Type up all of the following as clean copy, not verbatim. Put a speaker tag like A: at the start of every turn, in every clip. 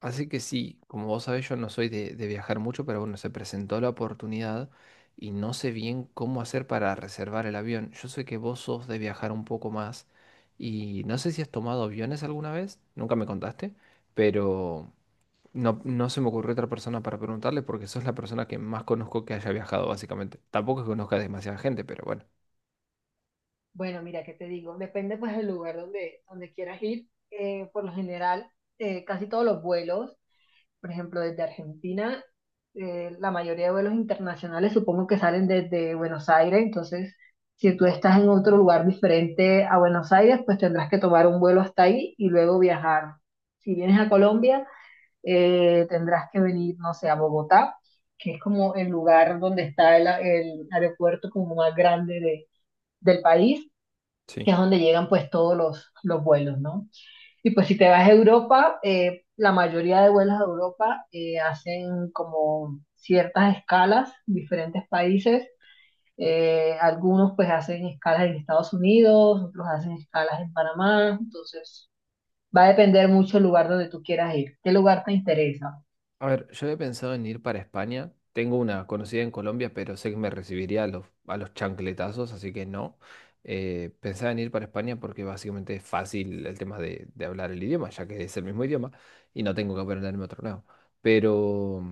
A: Así que sí, como vos sabés, yo no soy de viajar mucho, pero bueno, se presentó la oportunidad y no sé bien cómo hacer para reservar el avión. Yo sé que vos sos de viajar un poco más y no sé si has tomado aviones alguna vez, nunca me contaste, pero no se me ocurrió otra persona para preguntarle porque sos la persona que más conozco que haya viajado, básicamente. Tampoco es que conozca demasiada gente, pero bueno,
B: Bueno, mira, ¿qué te digo? Depende pues del lugar donde quieras ir. Por lo general, casi todos los vuelos, por ejemplo, desde Argentina, la mayoría de vuelos internacionales supongo que salen desde Buenos Aires. Entonces, si tú estás en otro lugar diferente a Buenos Aires, pues tendrás que tomar un vuelo hasta ahí y luego viajar. Si vienes a Colombia, tendrás que venir, no sé, a Bogotá, que es como el lugar donde está el aeropuerto como más grande del país que
A: sí.
B: es donde llegan pues todos los vuelos, ¿no? Y pues si te vas a Europa, la mayoría de vuelos a Europa hacen como ciertas escalas, diferentes países. Algunos pues hacen escalas en Estados Unidos, otros hacen escalas en Panamá, entonces va a depender mucho el lugar donde tú quieras ir, qué lugar te interesa.
A: A ver, yo he pensado en ir para España. Tengo una conocida en Colombia, pero sé que me recibiría a los chancletazos, así que no. Pensaba en ir para España porque básicamente es fácil el tema de hablar el idioma, ya que es el mismo idioma y no tengo que aprenderme otro nuevo. Pero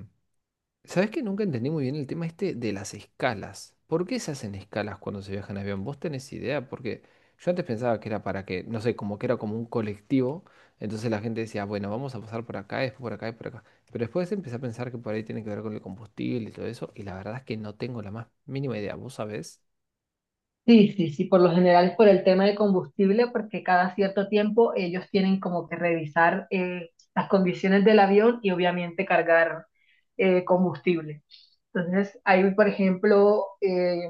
A: ¿sabés que nunca entendí muy bien el tema este de las escalas? ¿Por qué se hacen escalas cuando se viaja en avión? ¿Vos tenés idea? Porque yo antes pensaba que era para que, no sé, como que era como un colectivo, entonces la gente decía, bueno, vamos a pasar por acá, después por acá y por acá. Pero después empecé a pensar que por ahí tiene que ver con el combustible y todo eso, y la verdad es que no tengo la más mínima idea. ¿Vos sabés?
B: Sí, sí, sí, por lo general es por el tema de combustible, porque cada cierto tiempo ellos tienen como que revisar las condiciones del avión y obviamente cargar combustible. Entonces, ahí, por ejemplo,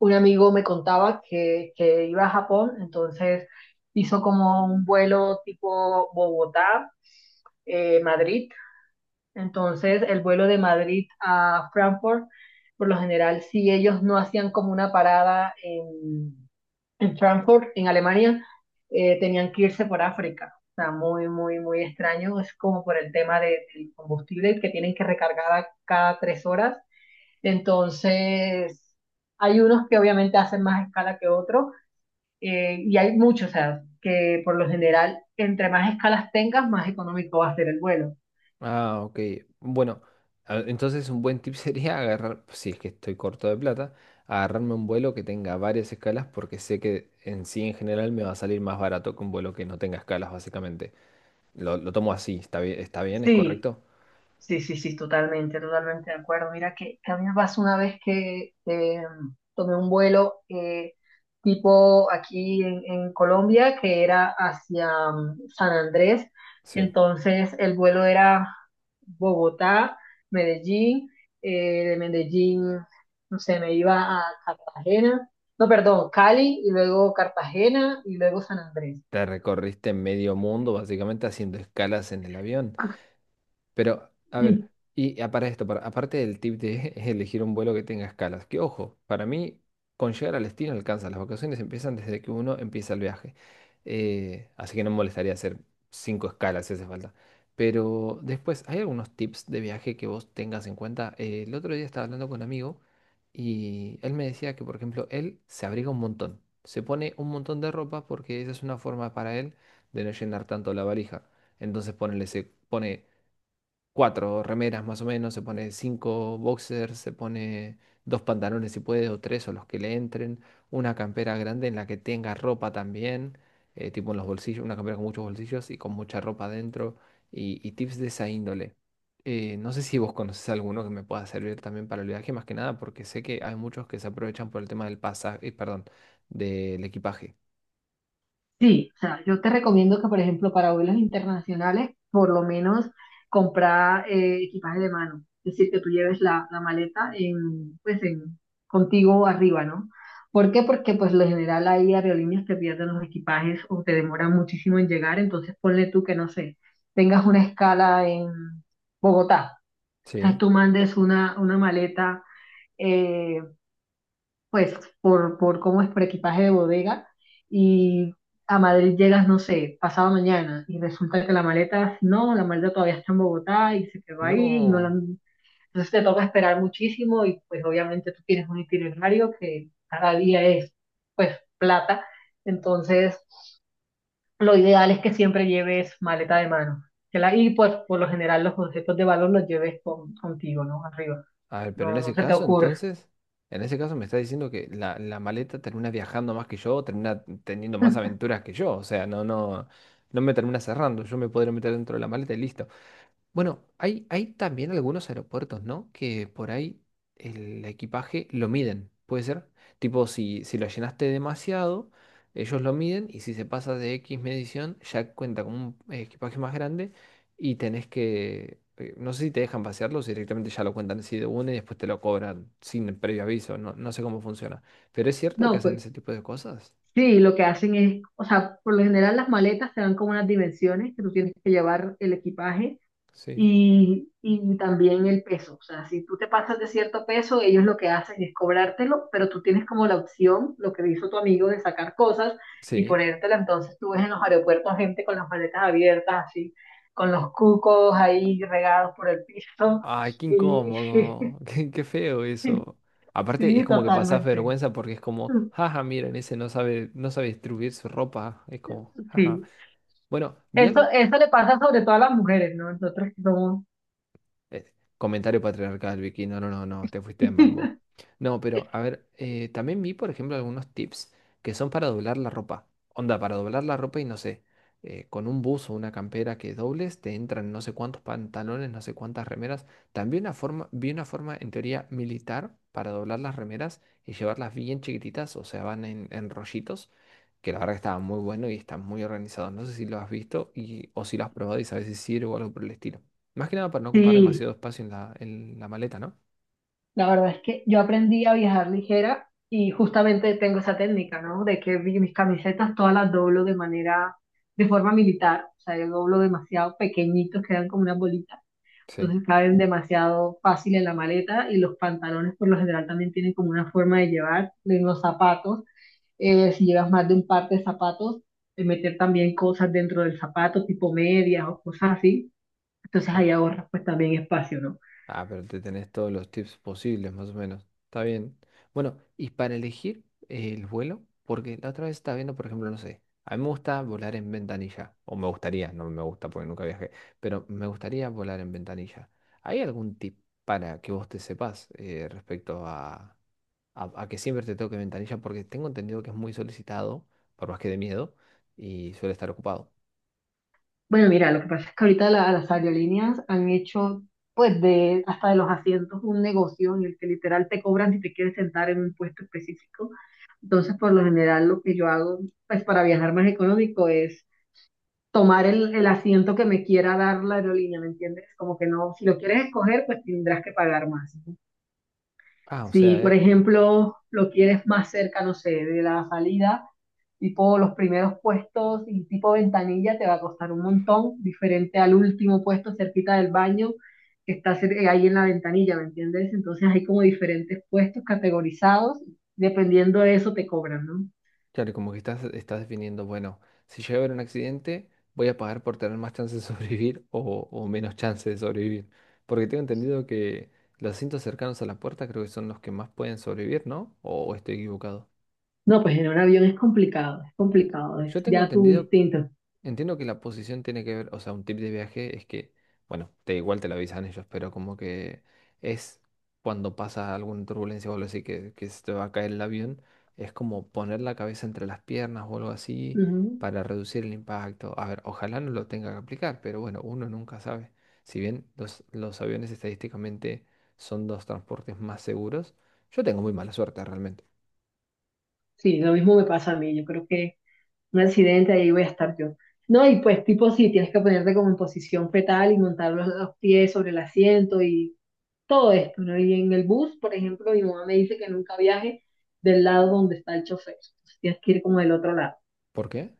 B: un amigo me contaba que iba a Japón, entonces hizo como un vuelo tipo Bogotá, Madrid. Entonces, el vuelo de Madrid a Frankfurt, por lo general, si ellos no hacían como una parada en Frankfurt, en Alemania, tenían que irse por África. O sea, muy, muy, muy extraño. Es como por el tema del combustible que tienen que recargar a cada 3 horas. Entonces, hay unos que obviamente hacen más escala que otros y hay muchos, o sea, que por lo general, entre más escalas tengas, más económico va a ser el vuelo.
A: Ah, ok. Bueno, entonces un buen tip sería agarrar, si es que estoy corto de plata, agarrarme un vuelo que tenga varias escalas porque sé que en sí en general me va a salir más barato que un vuelo que no tenga escalas, básicamente. Lo tomo así, ¿está bien? ¿Está bien? ¿Es
B: Sí,
A: correcto?
B: sí, sí, sí, totalmente, totalmente de acuerdo. Mira que a mí me pasó una vez que tomé un vuelo tipo aquí en Colombia, que era hacia San Andrés.
A: Sí.
B: Entonces el vuelo era Bogotá, Medellín, de Medellín, no sé, me iba a Cartagena, no, perdón, Cali y luego Cartagena y luego San Andrés.
A: Te recorriste medio mundo básicamente haciendo escalas en el avión. Pero, a ver, y para esto, aparte del tip de elegir un vuelo que tenga escalas, que ojo, para mí con llegar al destino alcanza, las vacaciones empiezan desde que uno empieza el viaje. Así que no me molestaría hacer cinco escalas si hace falta. Pero después, ¿hay algunos tips de viaje que vos tengas en cuenta? El otro día estaba hablando con un amigo y él me decía que, por ejemplo, él se abriga un montón, se pone un montón de ropa porque esa es una forma para él de no llenar tanto la valija. Entonces ponele, se pone cuatro remeras más o menos, se pone cinco boxers, se pone dos pantalones si puede, o tres o los que le entren, una campera grande en la que tenga ropa también, tipo en los bolsillos, una campera con muchos bolsillos y con mucha ropa dentro, y tips de esa índole. No sé si vos conoces alguno que me pueda servir también para el viaje, más que nada, porque sé que hay muchos que se aprovechan por el tema del pasaje, perdón, del equipaje.
B: Sí, o sea, yo te recomiendo que, por ejemplo, para vuelos internacionales, por lo menos comprar equipaje de mano. Es decir, que tú lleves la maleta en, pues, en, contigo arriba, ¿no? ¿Por qué? Porque, pues, lo general hay aerolíneas que pierden los equipajes o te demoran muchísimo en llegar. Entonces, ponle tú que, no sé, tengas una escala en Bogotá. O sea,
A: Sí.
B: tú mandes una maleta eh, pues por cómo es por equipaje de bodega y a Madrid llegas, no sé, pasado mañana y resulta que la maleta, no, la maleta todavía está en Bogotá y se quedó ahí y no la
A: No.
B: han- Entonces te toca esperar muchísimo y pues obviamente tú tienes un itinerario que cada día es pues plata, entonces lo ideal es que siempre lleves maleta de mano. Que la, y pues por lo general los objetos de valor los lleves contigo, ¿no? Arriba.
A: A ver, pero en
B: No, no
A: ese
B: se te
A: caso,
B: ocurre.
A: entonces, en ese caso me está diciendo que la maleta termina viajando más que yo, termina teniendo más aventuras que yo. O sea, no me termina cerrando. Yo me podría meter dentro de la maleta y listo. Bueno, hay también algunos aeropuertos, ¿no? Que por ahí el equipaje lo miden, ¿puede ser? Tipo, si lo llenaste demasiado, ellos lo miden y si se pasa de X medición, ya cuenta con un equipaje más grande y tenés que, no sé si te dejan pasearlo o si directamente ya lo cuentan así de una y después te lo cobran sin el previo aviso, no, no sé cómo funciona. Pero es cierto que
B: No,
A: hacen
B: pues,
A: ese tipo de cosas.
B: sí, lo que hacen es, o sea, por lo general las maletas te dan como unas dimensiones que tú tienes que llevar el equipaje
A: Sí.
B: y también el peso. O sea, si tú te pasas de cierto peso, ellos lo que hacen es cobrártelo, pero tú tienes como la opción, lo que hizo tu amigo, de sacar cosas y
A: Sí.
B: ponértela. Entonces tú ves en los aeropuertos gente con las maletas abiertas, así, con los cucos ahí regados por el piso.
A: Ay, qué
B: Y
A: incómodo, qué feo eso. Aparte, es
B: sí,
A: como que pasás
B: totalmente.
A: vergüenza porque es como, jaja, miren, ese no sabe, no sabe distribuir su ropa. Es como, jaja.
B: Sí.
A: Bueno,
B: Eso, eso le pasa sobre todo a las mujeres, ¿no? Nosotros que somos.
A: eh, comentario patriarcal, Vicky. No, no, no, no, te fuiste en bambo. No, pero a ver, también vi, por ejemplo, algunos tips que son para doblar la ropa. Onda, para doblar la ropa y no sé, con un buzo o una campera que dobles, te entran no sé cuántos pantalones, no sé cuántas remeras. También una forma, vi una forma, en teoría, militar para doblar las remeras y llevarlas bien chiquititas, o sea, van en rollitos, que la verdad que estaba muy bueno y está muy organizado. No sé si lo has visto y, o si lo has probado y sabes si sirve o algo por el estilo. Más que nada para no ocupar
B: Sí,
A: demasiado espacio en la maleta, ¿no?
B: la verdad es que yo aprendí a viajar ligera y justamente tengo esa técnica, ¿no? De que mis camisetas todas las doblo de manera, de forma militar, o sea, yo doblo demasiado pequeñitos, quedan como una bolita,
A: Sí.
B: entonces caben demasiado fácil en la maleta y los pantalones por lo general también tienen como una forma de llevar, de los zapatos, si llevas más de un par de zapatos, de meter también cosas dentro del zapato, tipo medias o cosas así. Entonces
A: Ah,
B: ahí ahorras pues también espacio, ¿no?
A: ah, pero te tenés todos los tips posibles, más o menos. Está bien. Bueno, y para elegir el vuelo, porque la otra vez estaba viendo, por ejemplo, no sé, a mí me gusta volar en ventanilla, o me gustaría, no me gusta porque nunca viajé, pero me gustaría volar en ventanilla. ¿Hay algún tip para que vos te sepas respecto a que siempre te toque ventanilla? Porque tengo entendido que es muy solicitado, por más que de miedo, y suele estar ocupado.
B: Bueno, mira, lo que pasa es que ahorita las aerolíneas han hecho pues de hasta de los asientos un negocio en el que literal te cobran si te quieres sentar en un puesto específico. Entonces, por lo general, lo que yo hago pues para viajar más económico es tomar el asiento que me quiera dar la aerolínea, ¿me entiendes? Como que no, si lo quieres escoger, pues tendrás que pagar más.
A: Ah, o
B: Si,
A: sea,
B: por ejemplo, lo quieres más cerca, no sé, de la salida, tipo los primeros puestos y tipo ventanilla te va a costar un montón, diferente al último puesto cerquita del baño que está ahí en la ventanilla, ¿me entiendes? Entonces hay como diferentes puestos categorizados, dependiendo de eso te cobran, ¿no?
A: claro, como que estás definiendo, bueno, si llega a haber un accidente, voy a pagar por tener más chances de sobrevivir o menos chances de sobrevivir. Porque tengo entendido que los asientos cercanos a la puerta creo que son los que más pueden sobrevivir, ¿no? O estoy equivocado?
B: No, pues en un avión es complicado, es complicado, es
A: Yo tengo
B: ya tu
A: entendido
B: instinto.
A: Entiendo que la posición tiene que ver, o sea, un tip de viaje es que, bueno, te igual te lo avisan ellos, pero como que es cuando pasa alguna turbulencia o algo así que se te va a caer el avión, es como poner la cabeza entre las piernas o algo así
B: Ujú.
A: para reducir el impacto. A ver, ojalá no lo tenga que aplicar, pero bueno, uno nunca sabe. Si bien los aviones estadísticamente son los transportes más seguros, yo tengo muy mala suerte realmente.
B: Sí, lo mismo me pasa a mí, yo creo que un accidente, ahí voy a estar yo. No, y pues tipo sí, tienes que ponerte como en posición fetal y montar los pies sobre el asiento y todo esto, ¿no? Y en el bus, por ejemplo, mi mamá me dice que nunca viaje del lado donde está el chofer, entonces tienes que ir como del otro lado,
A: ¿Por qué?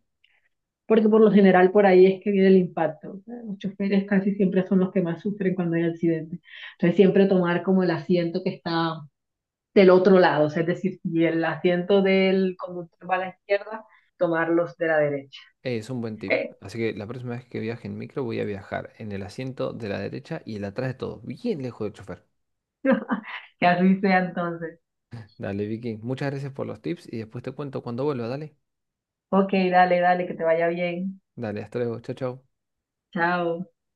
B: porque por lo general por ahí es que viene el impacto, o sea, los choferes casi siempre son los que más sufren cuando hay accidente, entonces siempre tomar como el asiento que está del otro lado, o sea, es decir, si el asiento del conductor va a la izquierda, tomarlos de la derecha.
A: Es un buen tip.
B: E-
A: Así que la próxima vez que viaje en micro voy a viajar en el asiento de la derecha y el atrás de todo, bien lejos del chofer.
B: Que así sea entonces.
A: Dale, Vicky, muchas gracias por los tips y después te cuento cuando vuelva, dale.
B: Ok, dale, dale, que te vaya bien.
A: Dale, hasta luego, chao, chao.
B: Chao.